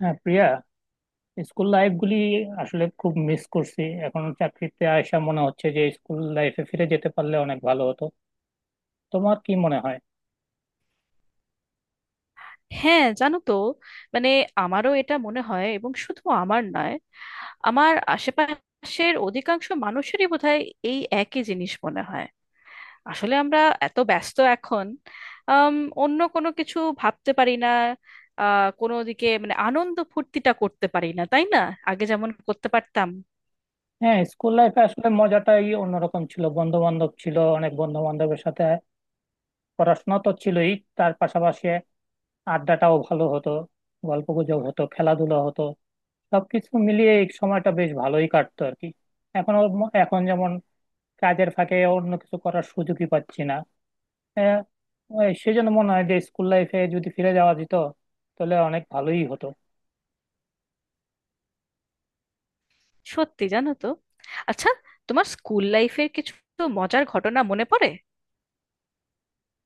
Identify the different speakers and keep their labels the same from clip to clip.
Speaker 1: হ্যাঁ Priya, school life গুলি আসলে খুব মিস করছি। এখন চাকরিতে আয়সা মনে হচ্ছে যে স্কুল লাইফে ফিরে যেতে পারলে অনেক ভালো হতো। তোমার কি মনে হয়?
Speaker 2: হ্যাঁ, জানো তো, মানে আমারও এটা মনে হয়, এবং শুধু আমার নয়, আমার আশেপাশের অধিকাংশ মানুষেরই বোধহয় এই একই জিনিস মনে হয়। আসলে আমরা এত ব্যস্ত এখন, আম, অন্য কোনো কিছু ভাবতে পারি না। কোনো দিকে মানে আনন্দ ফুর্তিটা করতে পারি না, তাই না? আগে যেমন করতে পারতাম।
Speaker 1: হ্যাঁ, স্কুল লাইফে আসলে মজাটাই অন্যরকম ছিল। বন্ধু বান্ধব ছিল, অনেক বন্ধু বান্ধবের সাথে পড়াশোনা তো ছিলই, তার পাশাপাশি আড্ডাটাও ভালো হতো, গল্প গুজব হতো, খেলাধুলা হতো। সবকিছু মিলিয়ে এই সময়টা বেশ ভালোই কাটতো আর কি। এখন, এখন যেমন কাজের ফাঁকে অন্য কিছু করার সুযোগই পাচ্ছি না। হ্যাঁ, ওই সেজন্য মনে হয় যে স্কুল লাইফে যদি ফিরে যাওয়া যেত, তাহলে অনেক ভালোই হতো।
Speaker 2: সত্যি, জানো তো। আচ্ছা, তোমার স্কুল লাইফের কিছু মজার ঘটনা মনে পড়ে?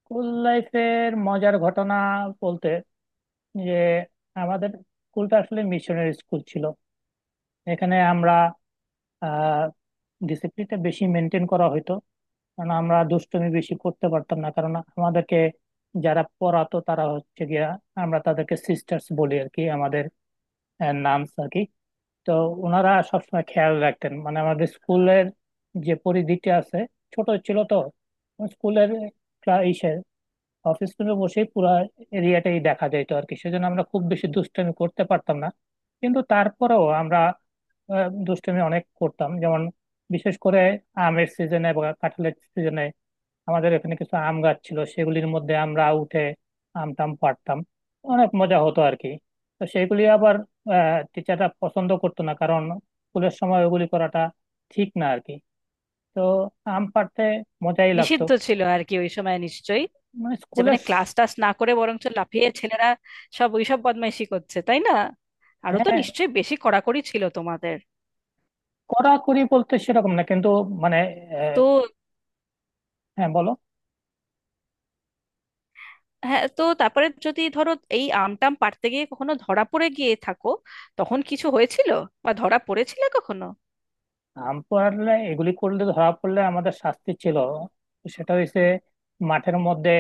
Speaker 1: স্কুল লাইফের মজার ঘটনা বলতে, যে আমাদের স্কুলটা আসলে মিশনের স্কুল ছিল। এখানে আমরা আহ ডিসিপ্লিনটা বেশি মেনটেন করা হতো। কারণ আমরা দুষ্টুমি বেশি করতে পারতাম না, কারণ আমাদেরকে যারা পড়াতো তারা হচ্ছে গিয়া, আমরা তাদেরকে সিস্টার্স বলি আর কি, আমাদের নামস আর কি। তো ওনারা সবসময় খেয়াল রাখতেন মানে আমাদের স্কুলের যে পরিধিটি আছে, ছোট ছিল তো স্কুলের, ইসে অফিস রুমে বসেই পুরো এরিয়াটাই দেখা যেত আর কি। সেজন্য আমরা খুব বেশি দুষ্টামি করতে পারতাম না। কিন্তু তারপরেও আমরা দুষ্টামি অনেক করতাম। যেমন বিশেষ করে আমের সিজনে বা কাঁঠালের সিজনে আমাদের এখানে কিছু আম গাছ ছিল, সেগুলির মধ্যে আমরা উঠে আম টাম পাড়তাম, অনেক মজা হতো আর কি। তো সেগুলি আবার টিচাররা পছন্দ করতো না, কারণ স্কুলের সময় ওগুলি করাটা ঠিক না আর কি। তো আম পাড়তে মজাই লাগতো।
Speaker 2: নিষিদ্ধ ছিল আর কি ওই সময় নিশ্চয়ই।
Speaker 1: মানে
Speaker 2: যে
Speaker 1: স্কুলের,
Speaker 2: মানে ক্লাস টাস না করে বরঞ্চ লাফিয়ে ছেলেরা সব ওইসব বদমাইশি করছে, তাই না? আরো তো
Speaker 1: হ্যাঁ
Speaker 2: নিশ্চয়ই বেশি কড়াকড়ি ছিল তোমাদের।
Speaker 1: কড়াকড়ি বলতে সেরকম না, কিন্তু মানে আহ,
Speaker 2: তো
Speaker 1: হ্যাঁ বলো।
Speaker 2: হ্যাঁ, তো তারপরে যদি ধরো এই আমটাম পাড়তে গিয়ে কখনো ধরা পড়ে গিয়ে থাকো, তখন কিছু হয়েছিল? বা ধরা পড়েছিলে কখনো?
Speaker 1: আম পোড়ালে এগুলি করলে ধরা পড়লে আমাদের শাস্তি ছিল, সেটা হইছে মাঠের মধ্যে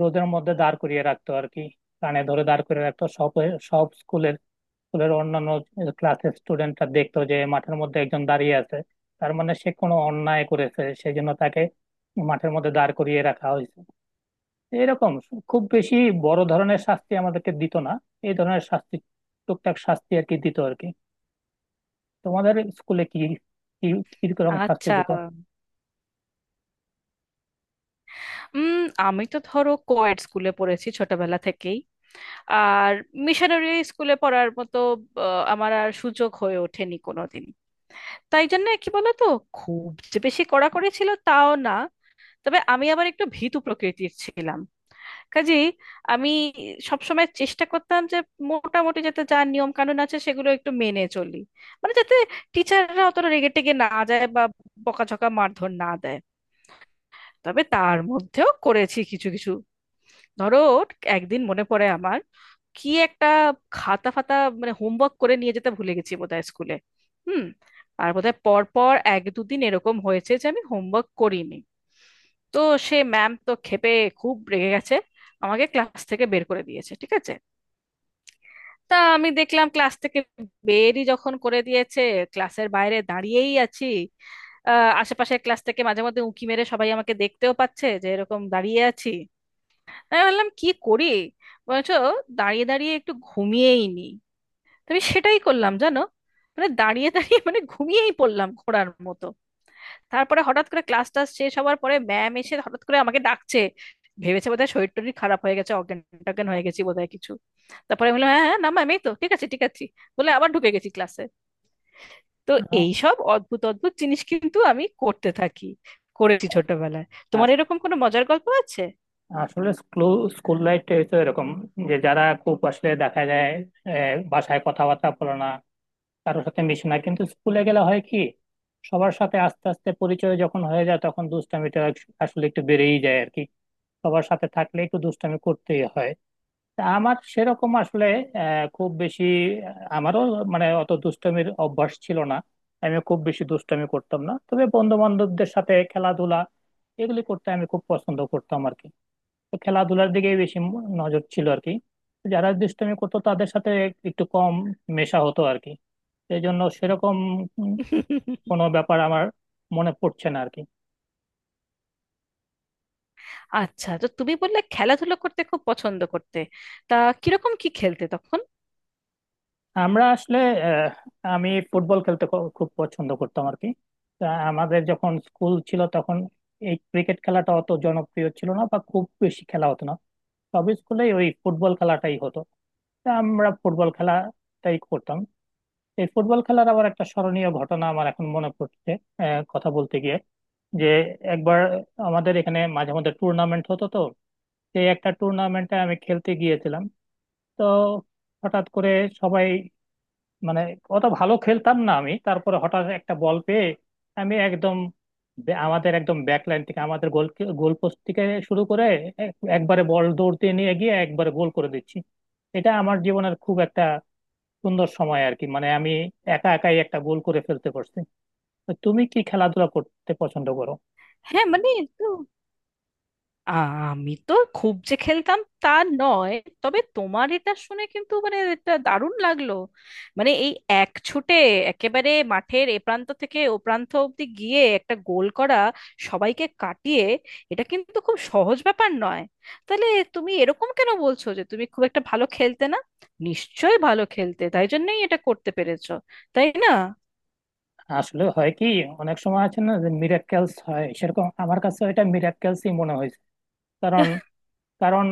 Speaker 1: রোদের মধ্যে দাঁড় করিয়ে রাখতো আর কি, কানে ধরে দাঁড় করিয়ে রাখতো। সব, সব স্কুলের, স্কুলের অন্যান্য ক্লাসের স্টুডেন্টরা দেখতো যে মাঠের মধ্যে একজন দাঁড়িয়ে আছে, তার মানে সে কোনো অন্যায় করেছে সেই জন্য তাকে মাঠের মধ্যে দাঁড় করিয়ে রাখা হয়েছে। এরকম খুব বেশি বড় ধরনের শাস্তি আমাদেরকে দিত না। এই ধরনের শাস্তি, টুকটাক শাস্তি আর কি দিত আর কি। তোমাদের স্কুলে কি, কি, কিরকম শাস্তি
Speaker 2: আচ্ছা,
Speaker 1: দিত?
Speaker 2: উম আমি তো ধরো কোয়েড স্কুলে পড়েছি ছোটবেলা থেকেই। আর মিশনারি স্কুলে পড়ার মতো আমার আর সুযোগ হয়ে ওঠেনি কোনোদিন। তাই জন্য কি বলতো, খুব যে বেশি কড়াকড়ি ছিল তাও না, তবে আমি আবার একটু ভীতু প্রকৃতির ছিলাম। কাজেই আমি সবসময় চেষ্টা করতাম যে মোটামুটি যাতে যা নিয়ম কানুন আছে সেগুলো একটু মেনে চলি, মানে যাতে টিচাররা অতটা রেগে টেগে না যায় বা বকাঝকা মারধর না দেয়। তবে তার মধ্যেও করেছি কিছু কিছু। ধরো, একদিন মনে পড়ে আমার, কি একটা খাতা ফাতা মানে হোমওয়ার্ক করে নিয়ে যেতে ভুলে গেছি বোধহয় স্কুলে। হুম। আর বোধহয় পর পর এক দুদিন এরকম হয়েছে যে আমি হোমওয়ার্ক করিনি। তো সে ম্যাম তো ক্ষেপে, খুব রেগে গেছে, আমাকে ক্লাস থেকে বের করে দিয়েছে, ঠিক আছে। তা আমি দেখলাম ক্লাস থেকে বেরই যখন করে দিয়েছে, ক্লাসের বাইরে দাঁড়িয়েই আছি। আশেপাশের ক্লাস থেকে মাঝে মধ্যে উঁকি মেরে সবাই আমাকে দেখতেও পাচ্ছে যে এরকম দাঁড়িয়ে আছি। আমি ভাবলাম কি করি, বলছো দাঁড়িয়ে দাঁড়িয়ে একটু ঘুমিয়েই নি। তো আমি সেটাই করলাম, জানো, মানে দাঁড়িয়ে দাঁড়িয়ে মানে ঘুমিয়েই পড়লাম ঘোড়ার মতো। তারপরে হঠাৎ করে ক্লাস টাস শেষ হওয়ার পরে ম্যাম এসে হঠাৎ করে আমাকে ডাকছে। ভেবেছে বোধহয় শরীর টরীর খারাপ হয়ে গেছে, অজ্ঞান টজ্ঞান হয়ে গেছি বোধহয় কিছু। তারপরে বললাম, হ্যাঁ হ্যাঁ, না ম্যাম এই তো ঠিক আছে, ঠিক আছে, বলে আবার ঢুকে গেছি ক্লাসে। তো
Speaker 1: আহ,
Speaker 2: এইসব অদ্ভুত অদ্ভুত জিনিস কিন্তু আমি করতে থাকি, করেছি ছোটবেলায়। তোমার
Speaker 1: আস-
Speaker 2: এরকম কোনো মজার গল্প আছে?
Speaker 1: আসলে স্কুল স্কুল লাইফটা হচ্ছে এরকম, যে যারা খুব আসলে দেখা যায় বাসায় কথাবার্তা বলে না, কারোর সাথে মিশে না, কিন্তু স্কুলে গেলে হয় কি, সবার সাথে আস্তে আস্তে পরিচয় যখন হয়ে যায় তখন দুষ্টামিটা আসলে একটু বেড়েই যায় আর কি। সবার সাথে থাকলে একটু দুষ্টামি করতেই হয়। তা আমার সেরকম আসলে আহ, খুব বেশি আহ, আমারও মানে অত দুষ্টমির অভ্যাস ছিল না। আমি খুব বেশি দুষ্টমি করতাম না, তবে বন্ধু বান্ধবদের সাথে খেলাধুলা, এগুলি করতে আমি খুব পছন্দ করতাম আর কি। তো খেলাধুলার দিকেই বেশি নজর ছিল আর কি। যারা দুষ্টমি করতো তাদের সাথে একটু কম মেশা হতো আর কি। সেই জন্য সেরকম উম, কোনো ব্যাপার আমার মনে পড়ছে না আর কি।
Speaker 2: আচ্ছা, তো তুমি বললে খেলাধুলো করতে খুব পছন্দ করতে। তা কিরকম কি খেলতে তখন?
Speaker 1: আমরা আসলে, আহ, আমি ফুটবল খেলতে খুব পছন্দ করতাম আর কি। তা আমাদের যখন স্কুল ছিল তখন এই ক্রিকেট খেলাটা অত জনপ্রিয় ছিল না, বা খুব বেশি খেলা হতো না। সব স্কুলেই ওই ফুটবল খেলাটাই হতো। তা আমরা ফুটবল খেলাটাই করতাম। এই ফুটবল খেলার আবার একটা স্মরণীয় ঘটনা আমার এখন মনে পড়ছে, কথা বলতে গিয়ে। যে একবার আমাদের এখানে মাঝে মধ্যে টুর্নামেন্ট হতো তো, সেই একটা টুর্নামেন্টে আমি খেলতে গিয়েছিলাম। তো হঠাৎ করে, সবাই, মানে অত ভালো খেলতাম না আমি, তারপরে হঠাৎ একটা বল পেয়ে আমি একদম আমাদের একদম ব্যাক লাইন থেকে, আমাদের গোল, গোল পোস্ট থেকে শুরু করে একবারে বল দৌড় দিয়ে নিয়ে গিয়ে একবারে গোল করে দিচ্ছি। এটা আমার জীবনের খুব একটা সুন্দর সময় আর কি, মানে আমি একা একাই একটা গোল করে ফেলতে পারছি। তো তুমি কি খেলাধুলা করতে পছন্দ করো?
Speaker 2: হ্যাঁ, মানে আমি তো খুব যে খেলতাম তা নয়, তবে তোমার এটা শুনে কিন্তু মানে এটা দারুণ লাগলো। মানে এই এক ছুটে একেবারে মাঠের এ প্রান্ত থেকে ও প্রান্ত অব্দি গিয়ে একটা গোল করা, সবাইকে কাটিয়ে, এটা কিন্তু খুব সহজ ব্যাপার নয়। তাহলে তুমি এরকম কেন বলছো যে তুমি খুব একটা ভালো খেলতে না? নিশ্চয়ই ভালো খেলতে তাই জন্যই এটা করতে পেরেছো, তাই না?
Speaker 1: আসলে হয় কি, অনেক সময় আছে না যে মিরাক্কেলস হয়, সেরকম আমার কাছে এটা মিরাক্কেলসই মনে হয়েছে। কারণ কারণ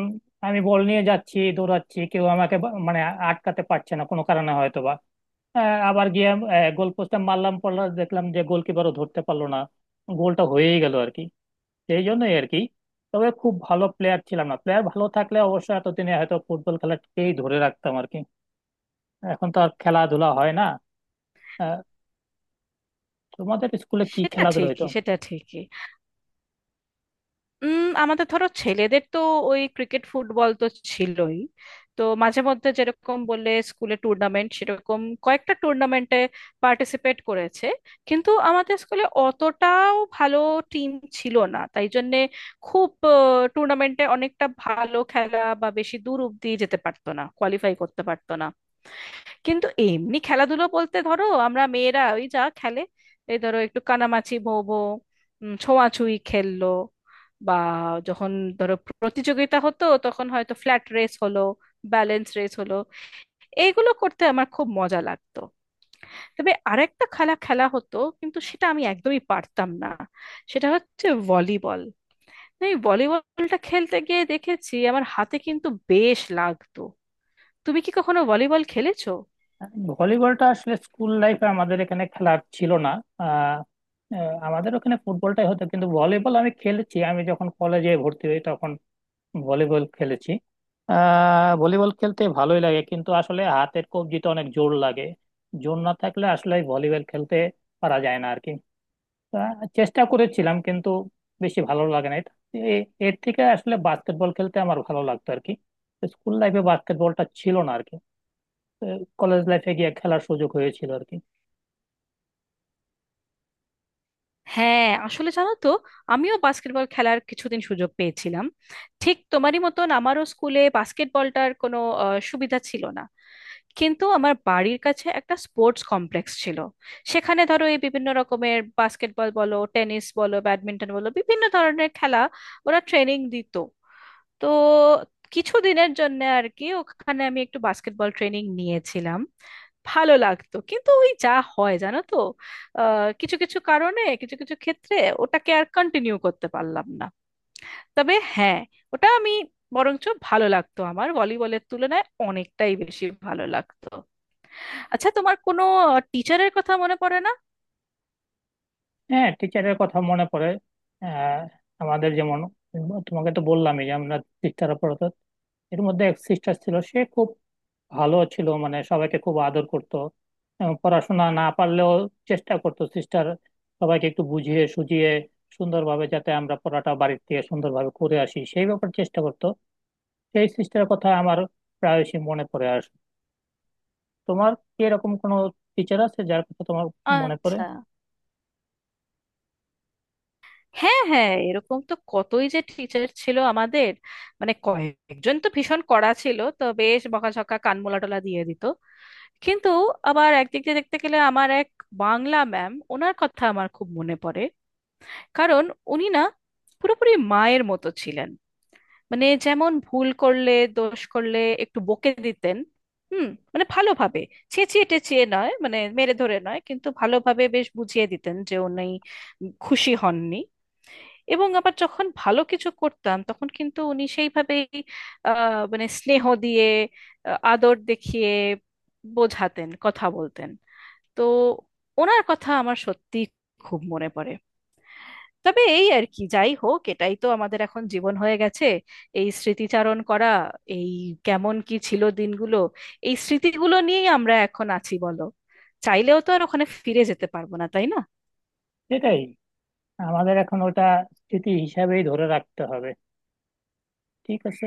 Speaker 1: আমি বল নিয়ে যাচ্ছি, দৌড়াচ্ছি, কেউ আমাকে মানে আটকাতে পারছে না কোনো কারণে হয়তো বা। আবার গিয়ে গোল পোস্টে মারলাম, পড়লাম, দেখলাম যে গোলকিপারও ধরতে পারলো না, গোলটা হয়েই গেল আর কি। সেই জন্যই আর কি। তবে খুব ভালো প্লেয়ার ছিলাম না, প্লেয়ার ভালো থাকলে অবশ্য এতদিনে হয়তো ফুটবল খেলাটাকেই ধরে রাখতাম আর কি। এখন তো আর খেলাধুলা হয় না। আহ, তোমাদের স্কুলে কি
Speaker 2: সেটা
Speaker 1: খেলাধুলা হইতো?
Speaker 2: ঠিকই, সেটা ঠিকই। আমাদের ধরো ছেলেদের তো ওই ক্রিকেট ফুটবল তো ছিলই। তো মাঝে মধ্যে যেরকম বললে স্কুলে টুর্নামেন্ট, সেরকম কয়েকটা টুর্নামেন্টে পার্টিসিপেট করেছে, কিন্তু আমাদের স্কুলে অতটাও ভালো টিম ছিল না, তাই জন্যে খুব টুর্নামেন্টে অনেকটা ভালো খেলা বা বেশি দূর অব্দি যেতে পারতো না, কোয়ালিফাই করতে পারতো না। কিন্তু এমনি খেলাধুলো বলতে ধরো আমরা মেয়েরা ওই যা খেলে, এই ধরো একটু কানামাছি ভো ভো, ছোঁয়াছুঁয়ি খেললো, বা যখন ধরো প্রতিযোগিতা হতো তখন হয়তো ফ্ল্যাট রেস হলো, ব্যালেন্স রেস হলো, এইগুলো করতে আমার খুব মজা লাগতো। তবে আরেকটা খেলা খেলা হতো কিন্তু সেটা আমি একদমই পারতাম না, সেটা হচ্ছে ভলিবল। এই ভলিবলটা খেলতে গিয়ে দেখেছি আমার হাতে কিন্তু বেশ লাগতো। তুমি কি কখনো ভলিবল খেলেছো?
Speaker 1: ভলিবলটা আসলে স্কুল লাইফে আমাদের এখানে খেলা ছিল না। আহ, আহ, আমাদের ওখানে ফুটবলটাই হতো, কিন্তু ভলিবল আমি খেলেছি। আমি যখন কলেজে ভর্তি হই তখন ভলিবল খেলেছি। ভলিবল খেলতে ভালোই লাগে, কিন্তু আসলে হাতের কবজিতে অনেক জোর লাগে। জোর না থাকলে আসলে ভলিবল খেলতে পারা যায় না আর কি। চেষ্টা করেছিলাম, কিন্তু বেশি ভালো লাগে না। এর থেকে আসলে বাস্কেটবল খেলতে আমার ভালো লাগতো আর কি। স্কুল লাইফে বাস্কেটবলটা ছিল না আর কি, কলেজ লাইফে গিয়ে খেলার সুযোগ হয়েছিল আর কি।
Speaker 2: হ্যাঁ, আসলে জানো তো, আমিও বাস্কেটবল খেলার কিছুদিন সুযোগ পেয়েছিলাম। ঠিক তোমারই মতন আমারও স্কুলে বাস্কেটবলটার কোনো সুবিধা ছিল না, কিন্তু আমার বাড়ির কাছে একটা স্পোর্টস কমপ্লেক্স ছিল। সেখানে ধরো এই বিভিন্ন রকমের বাস্কেটবল বলো, টেনিস বলো, ব্যাডমিন্টন বলো, বিভিন্ন ধরনের খেলা ওরা ট্রেনিং দিত। তো কিছুদিনের জন্য আর কি ওখানে আমি একটু বাস্কেটবল ট্রেনিং নিয়েছিলাম। ভালো লাগতো, কিন্তু ওই যা হয় জানো তো, কিছু কিছু কারণে কিছু কিছু ক্ষেত্রে ওটাকে আর কন্টিনিউ করতে পারলাম না। তবে হ্যাঁ, ওটা আমি বরঞ্চ ভালো লাগতো, আমার ভলিবলের তুলনায় অনেকটাই বেশি ভালো লাগতো। আচ্ছা, তোমার কোনো টিচারের কথা মনে পড়ে না?
Speaker 1: হ্যাঁ, টিচারের কথা মনে পড়ে। আহ, আমাদের যেমন, তোমাকে তো বললামই যে আমরা, সিস্টাররা পড়াতো। এর মধ্যে এক সিস্টার ছিল, সে খুব ভালো ছিল, মানে সবাইকে খুব আদর করতো। এবং পড়াশোনা না পারলেও চেষ্টা করতো সিস্টার সবাইকে একটু বুঝিয়ে সুঝিয়ে সুন্দরভাবে, যাতে আমরা পড়াটা বাড়ির থেকে সুন্দরভাবে করে আসি সেই ব্যাপারে চেষ্টা করতো। সেই সিস্টারের কথা আমার প্রায়শই মনে পড়ে আসে। তোমার কি এরকম কোনো টিচার আছে যার কথা তোমার মনে পড়ে?
Speaker 2: আচ্ছা, হ্যাঁ হ্যাঁ, এরকম তো কতই যে টিচার ছিল আমাদের। মানে কয়েকজন তো ভীষণ কড়া ছিল, তো বেশ বকাঝকা কানমোলা টোলা দিয়ে দিত। কিন্তু আবার একদিক দিয়ে দেখতে গেলে আমার এক বাংলা ম্যাম, ওনার কথা আমার খুব মনে পড়ে। কারণ উনি না পুরোপুরি মায়ের মতো ছিলেন। মানে যেমন ভুল করলে, দোষ করলে একটু বকে দিতেন। হুম। মানে ভালোভাবে, চেঁচিয়ে টেঁচিয়ে নয়, মানে মেরে ধরে নয়, কিন্তু ভালোভাবে বেশ বুঝিয়ে দিতেন যে উনি খুশি হননি। এবং আবার যখন ভালো কিছু করতাম তখন কিন্তু উনি সেইভাবেই মানে স্নেহ দিয়ে, আদর দেখিয়ে বোঝাতেন, কথা বলতেন। তো ওনার কথা আমার সত্যি খুব মনে পড়ে। তবে এই আর কি, যাই হোক, এটাই তো আমাদের এখন জীবন হয়ে গেছে, এই স্মৃতিচারণ করা, এই কেমন কি ছিল দিনগুলো, এই স্মৃতিগুলো নিয়েই আমরা এখন আছি, বলো। চাইলেও তো আর ওখানে ফিরে যেতে পারবো না, তাই না?
Speaker 1: সেটাই, আমাদের এখন ওটা স্মৃতি হিসাবেই ধরে রাখতে হবে। ঠিক আছে।